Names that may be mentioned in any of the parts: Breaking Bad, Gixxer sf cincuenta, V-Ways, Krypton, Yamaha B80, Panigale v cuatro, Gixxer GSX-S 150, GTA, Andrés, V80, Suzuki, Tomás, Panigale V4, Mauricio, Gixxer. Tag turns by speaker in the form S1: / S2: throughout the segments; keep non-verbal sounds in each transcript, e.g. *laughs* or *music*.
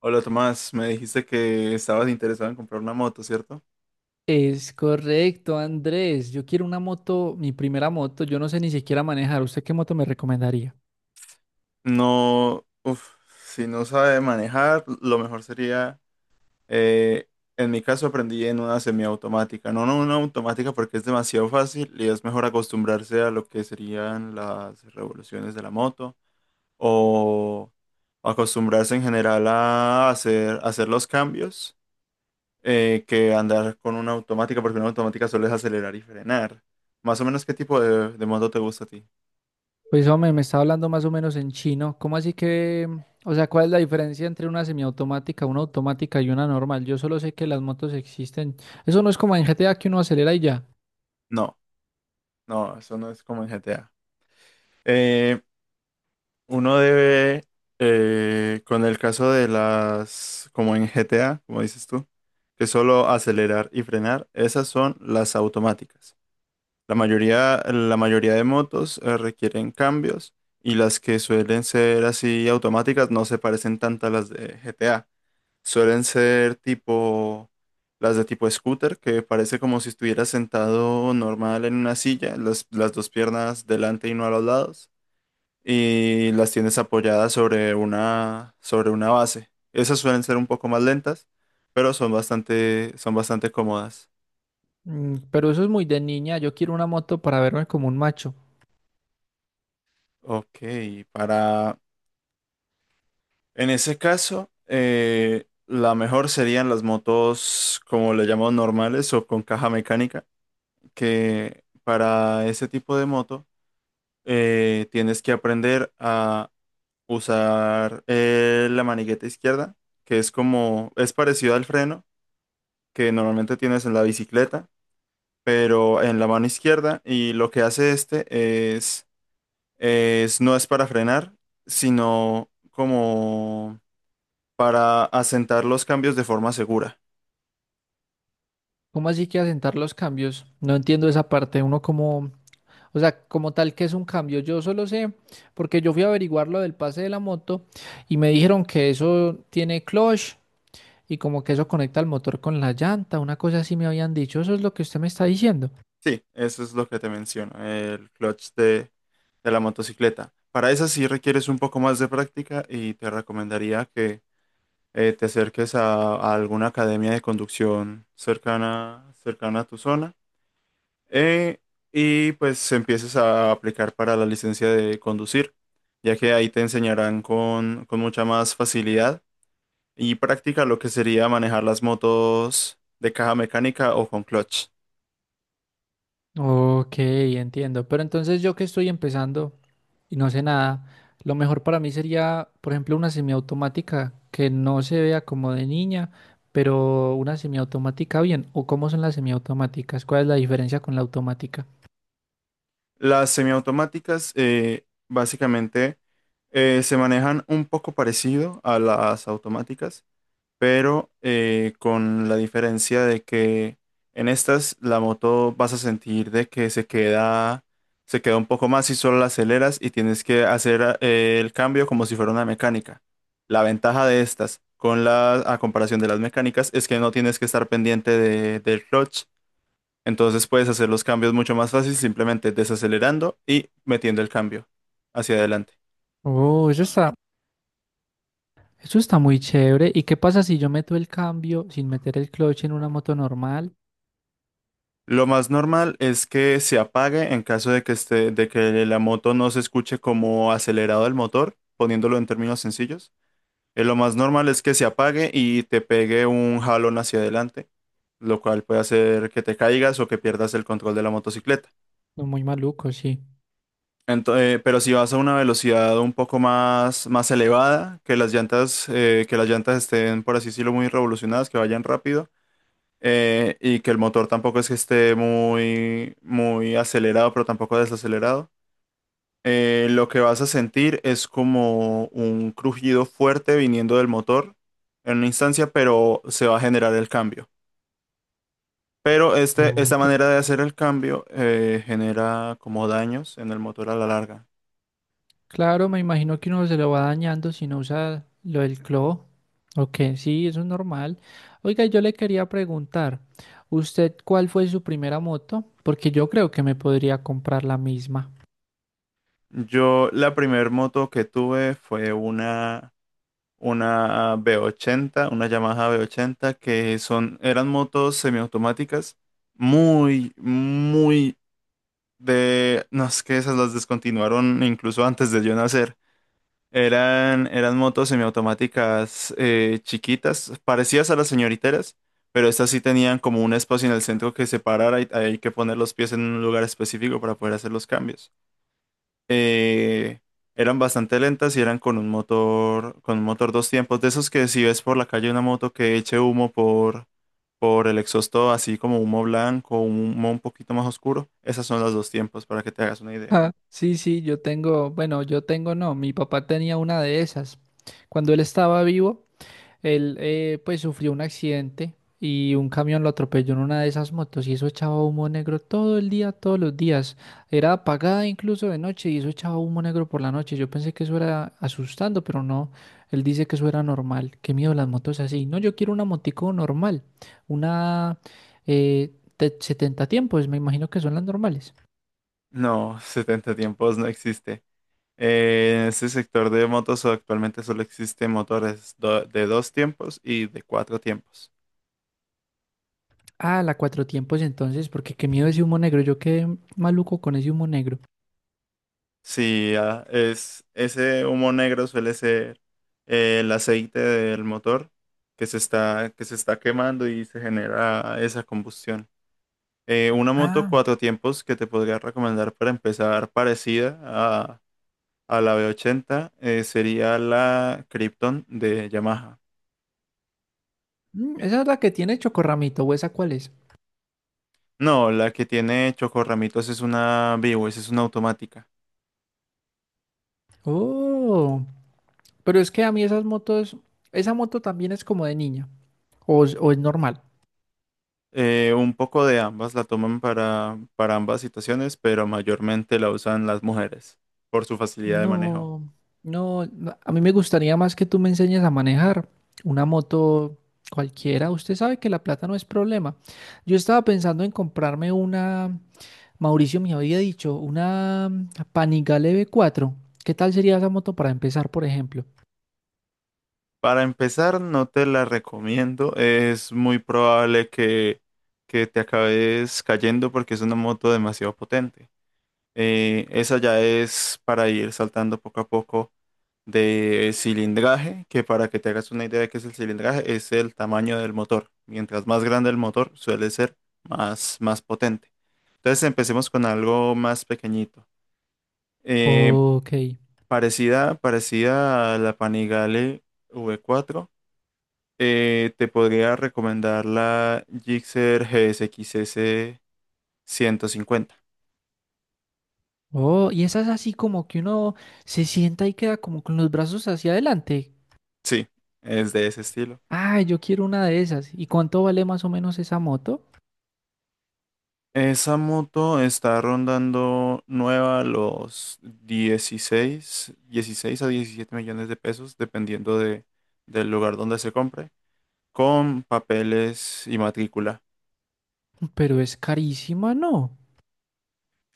S1: Hola Tomás, me dijiste que estabas interesado en comprar una moto, ¿cierto?
S2: Es correcto, Andrés. Yo quiero una moto, mi primera moto. Yo no sé ni siquiera manejar. ¿Usted qué moto me recomendaría?
S1: No, uf, si no sabe manejar, lo mejor sería, eh, en mi caso aprendí en una semiautomática, no, no, una automática porque es demasiado fácil y es mejor acostumbrarse a lo que serían las revoluciones de la moto o acostumbrarse en general a hacer los cambios que andar con una automática porque una automática suele acelerar y frenar. Más o menos, ¿qué tipo de moto te gusta a ti?
S2: Pues hombre, me está hablando más o menos en chino. ¿Cómo así que, o sea, cuál es la diferencia entre una semiautomática, una automática y una normal? Yo solo sé que las motos existen. Eso no es como en GTA que uno acelera y ya.
S1: No, no, eso no es como en GTA. Eh, Uno debe, con el caso de las, como en GTA, como dices tú, que solo acelerar y frenar, esas son las automáticas. La mayoría de motos, requieren cambios y las que suelen ser así automáticas no se parecen tanto a las de GTA. Suelen ser tipo las de tipo scooter, que parece como si estuviera sentado normal en una silla, las dos piernas delante y no a los lados, y las tienes apoyadas sobre una base. Esas suelen ser un poco más lentas, pero son bastante cómodas.
S2: Mm, pero eso es muy de niña. Yo quiero una moto para verme como un macho.
S1: Ok, para... en ese caso, la mejor serían las motos, como le llamamos normales o con caja mecánica, que para ese tipo de moto tienes que aprender a usar la manigueta izquierda, que es parecido al freno que normalmente tienes en la bicicleta, pero en la mano izquierda. Y lo que hace este es, es no es para frenar, sino como para asentar los cambios de forma segura.
S2: ¿Cómo así que asentar los cambios? No entiendo esa parte. Uno como O sea, como tal, que es un cambio? Yo solo sé, porque yo fui a averiguar lo del pase de la moto y me dijeron que eso tiene clutch y como que eso conecta el motor con la llanta, una cosa así me habían dicho. Eso es lo que usted me está diciendo.
S1: Sí, eso es lo que te menciono, el clutch de la motocicleta. Para esa sí requieres un poco más de práctica y te recomendaría que te acerques a alguna academia de conducción cercana a tu zona eh, y pues empieces a aplicar para la licencia de conducir, ya que ahí te enseñarán con mucha más facilidad y práctica lo que sería manejar las motos de caja mecánica o con clutch.
S2: Ok, entiendo. Pero entonces yo, que estoy empezando y no sé nada, lo mejor para mí sería, por ejemplo, una semiautomática que no se vea como de niña, pero una semiautomática bien. ¿O cómo son las semiautomáticas? ¿Cuál es la diferencia con la automática?
S1: Las semiautomáticas básicamente se manejan un poco parecido a las automáticas pero con la diferencia de que en estas la moto vas a sentir de que se queda un poco más y solo la aceleras y tienes que hacer el cambio como si fuera una mecánica. La ventaja de estas con a comparación de las mecánicas es que no tienes que estar pendiente del clutch, entonces puedes hacer los cambios mucho más fácil simplemente desacelerando y metiendo el cambio hacia adelante.
S2: Oh, eso está muy chévere. ¿Y qué pasa si yo meto el cambio sin meter el clutch en una moto normal?
S1: Lo más normal es que se apague en caso de que la moto no se escuche como acelerado el motor, poniéndolo en términos sencillos. Lo más normal es que se apague y te pegue un jalón hacia adelante, lo cual puede hacer que te caigas o que pierdas el control de la motocicleta.
S2: No, muy maluco, sí.
S1: Pero si vas a una velocidad un poco más elevada, que las llantas, estén, por así decirlo, muy revolucionadas, que vayan rápido. Y que el motor tampoco es que esté muy, muy acelerado, pero tampoco desacelerado. Lo que vas a sentir es como un crujido fuerte viniendo del motor en una instancia, pero se va a generar el cambio. Pero esta
S2: Ok.
S1: manera de hacer el cambio genera como daños en el motor a la larga.
S2: Claro, me imagino que uno se lo va dañando si no usa lo del clo. Ok, sí, eso es normal. Oiga, yo le quería preguntar, ¿usted cuál fue su primera moto? Porque yo creo que me podría comprar la misma. *laughs*
S1: Yo la primer moto que tuve fue una B80, una Yamaha B80, que eran motos semiautomáticas, muy, muy no es que esas las descontinuaron incluso antes de yo nacer. Eran motos semiautomáticas chiquitas, parecidas a las señoriteras, pero estas sí tenían como un espacio en el centro que separara y hay que poner los pies en un lugar específico para poder hacer los cambios eh, Eran bastante lentas y eran con un motor dos tiempos, de esos que si ves por la calle una moto que eche humo por el exhausto, así como humo blanco, humo un poquito más oscuro, esas son las dos tiempos, para que te hagas una idea.
S2: Ah, sí, sí, yo tengo, bueno, yo tengo no, mi papá tenía una de esas. Cuando él estaba vivo, él pues sufrió un accidente y un camión lo atropelló en una de esas motos, y eso echaba humo negro todo el día, todos los días. Era apagada incluso de noche y eso echaba humo negro por la noche. Yo pensé que eso era asustando, pero no. Él dice que eso era normal. Qué miedo las motos así. No, yo quiero una motico normal. Una eh, de 70 tiempos, me imagino que son las normales.
S1: No, *laughs* 70 tiempos no existe. En este sector de motos actualmente solo existen motores de dos tiempos y de cuatro tiempos.
S2: Ah, la cuatro tiempos entonces, porque qué miedo ese humo negro. Yo quedé maluco con ese humo negro.
S1: Sí, ah, ese humo negro suele ser el aceite del motor que se está quemando y se genera esa combustión. Una moto cuatro tiempos que te podría recomendar para empezar parecida a la V80 sería la Krypton de Yamaha.
S2: Mm, esa es la que tiene chocorramito, ¿o esa cuál es?
S1: No, la que tiene chocorramitos es una V-Ways, es una automática.
S2: Oh, pero es que a mí esas motos, esa moto también es como de niña, o es normal.
S1: Un poco de ambas la toman para ambas situaciones, pero mayormente la usan las mujeres por su facilidad de manejo.
S2: No, no, no, a mí me gustaría más que tú me enseñes a manejar una moto cualquiera. Usted sabe que la plata no es problema. Yo estaba pensando en comprarme una, Mauricio me había dicho, una Panigale V4. ¿Qué tal sería esa moto para empezar, por ejemplo?
S1: Para empezar, no te la recomiendo. Es muy probable que te acabes cayendo porque es una moto demasiado potente. Esa ya es para ir saltando poco a poco de cilindraje, que para que te hagas una idea de qué es el cilindraje, es el tamaño del motor. Mientras más grande el motor, suele ser más, más potente. Entonces empecemos con algo más pequeñito. Eh,
S2: Ok.
S1: parecida a la Panigale V4, te podría recomendar la Gixxer GSX-S 150.
S2: Oh, y esa es así como que uno se sienta y queda como con los brazos hacia adelante.
S1: Sí, es de ese estilo.
S2: Ah, yo quiero una de esas. ¿Y cuánto vale más o menos esa moto?
S1: Esa moto está rondando nueva los dieciséis a 17 millones de pesos, dependiendo del lugar donde se compre, con papeles y matrícula.
S2: Pero es carísima, ¿no?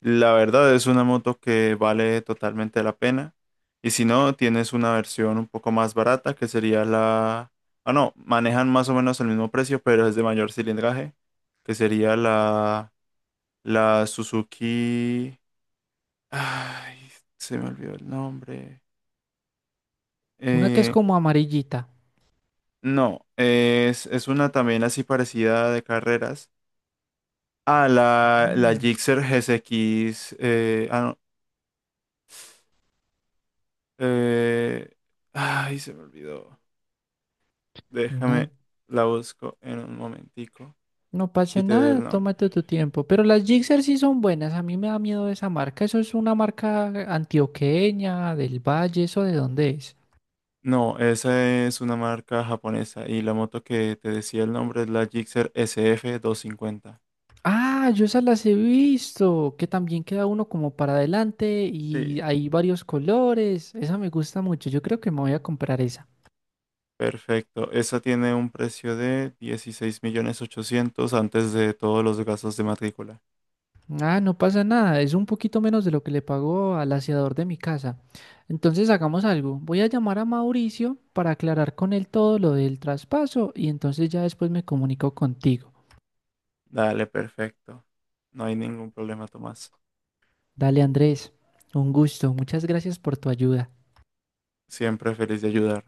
S1: La verdad es una moto que vale totalmente la pena. Y si no, tienes una versión un poco más barata, que sería ah, no, manejan más o menos el mismo precio, pero es de mayor cilindraje, que sería la Suzuki. Ay, se me olvidó el nombre.
S2: Una que es
S1: Eh,
S2: como amarillita.
S1: no, es una también así parecida de carreras. Ah, la
S2: Mm.
S1: Gixxer GSX. Ah, no. eh, Ay, se me olvidó.
S2: Una,
S1: Déjame, la busco en un momentico
S2: no pasa
S1: y te doy
S2: nada,
S1: el nombre.
S2: tómate tu tiempo. Pero las Gixxer sí son buenas, a mí me da miedo esa marca. Eso es una marca antioqueña, del Valle, ¿eso de dónde es?
S1: No, esa es una marca japonesa y la moto que te decía el nombre es la Gixxer SF 50.
S2: Ah, yo esas las he visto, que también queda uno como para adelante y
S1: Sí.
S2: hay varios colores. Esa me gusta mucho. Yo creo que me voy a comprar esa.
S1: Perfecto. Esa tiene un precio de 16 millones 800 antes de todos los gastos de matrícula.
S2: Ah, no pasa nada. Es un poquito menos de lo que le pagó al aseador de mi casa. Entonces hagamos algo. Voy a llamar a Mauricio para aclarar con él todo lo del traspaso y entonces ya después me comunico contigo.
S1: Dale, perfecto. No hay ningún problema, Tomás.
S2: Dale, Andrés. Un gusto. Muchas gracias por tu ayuda.
S1: Siempre feliz de ayudar.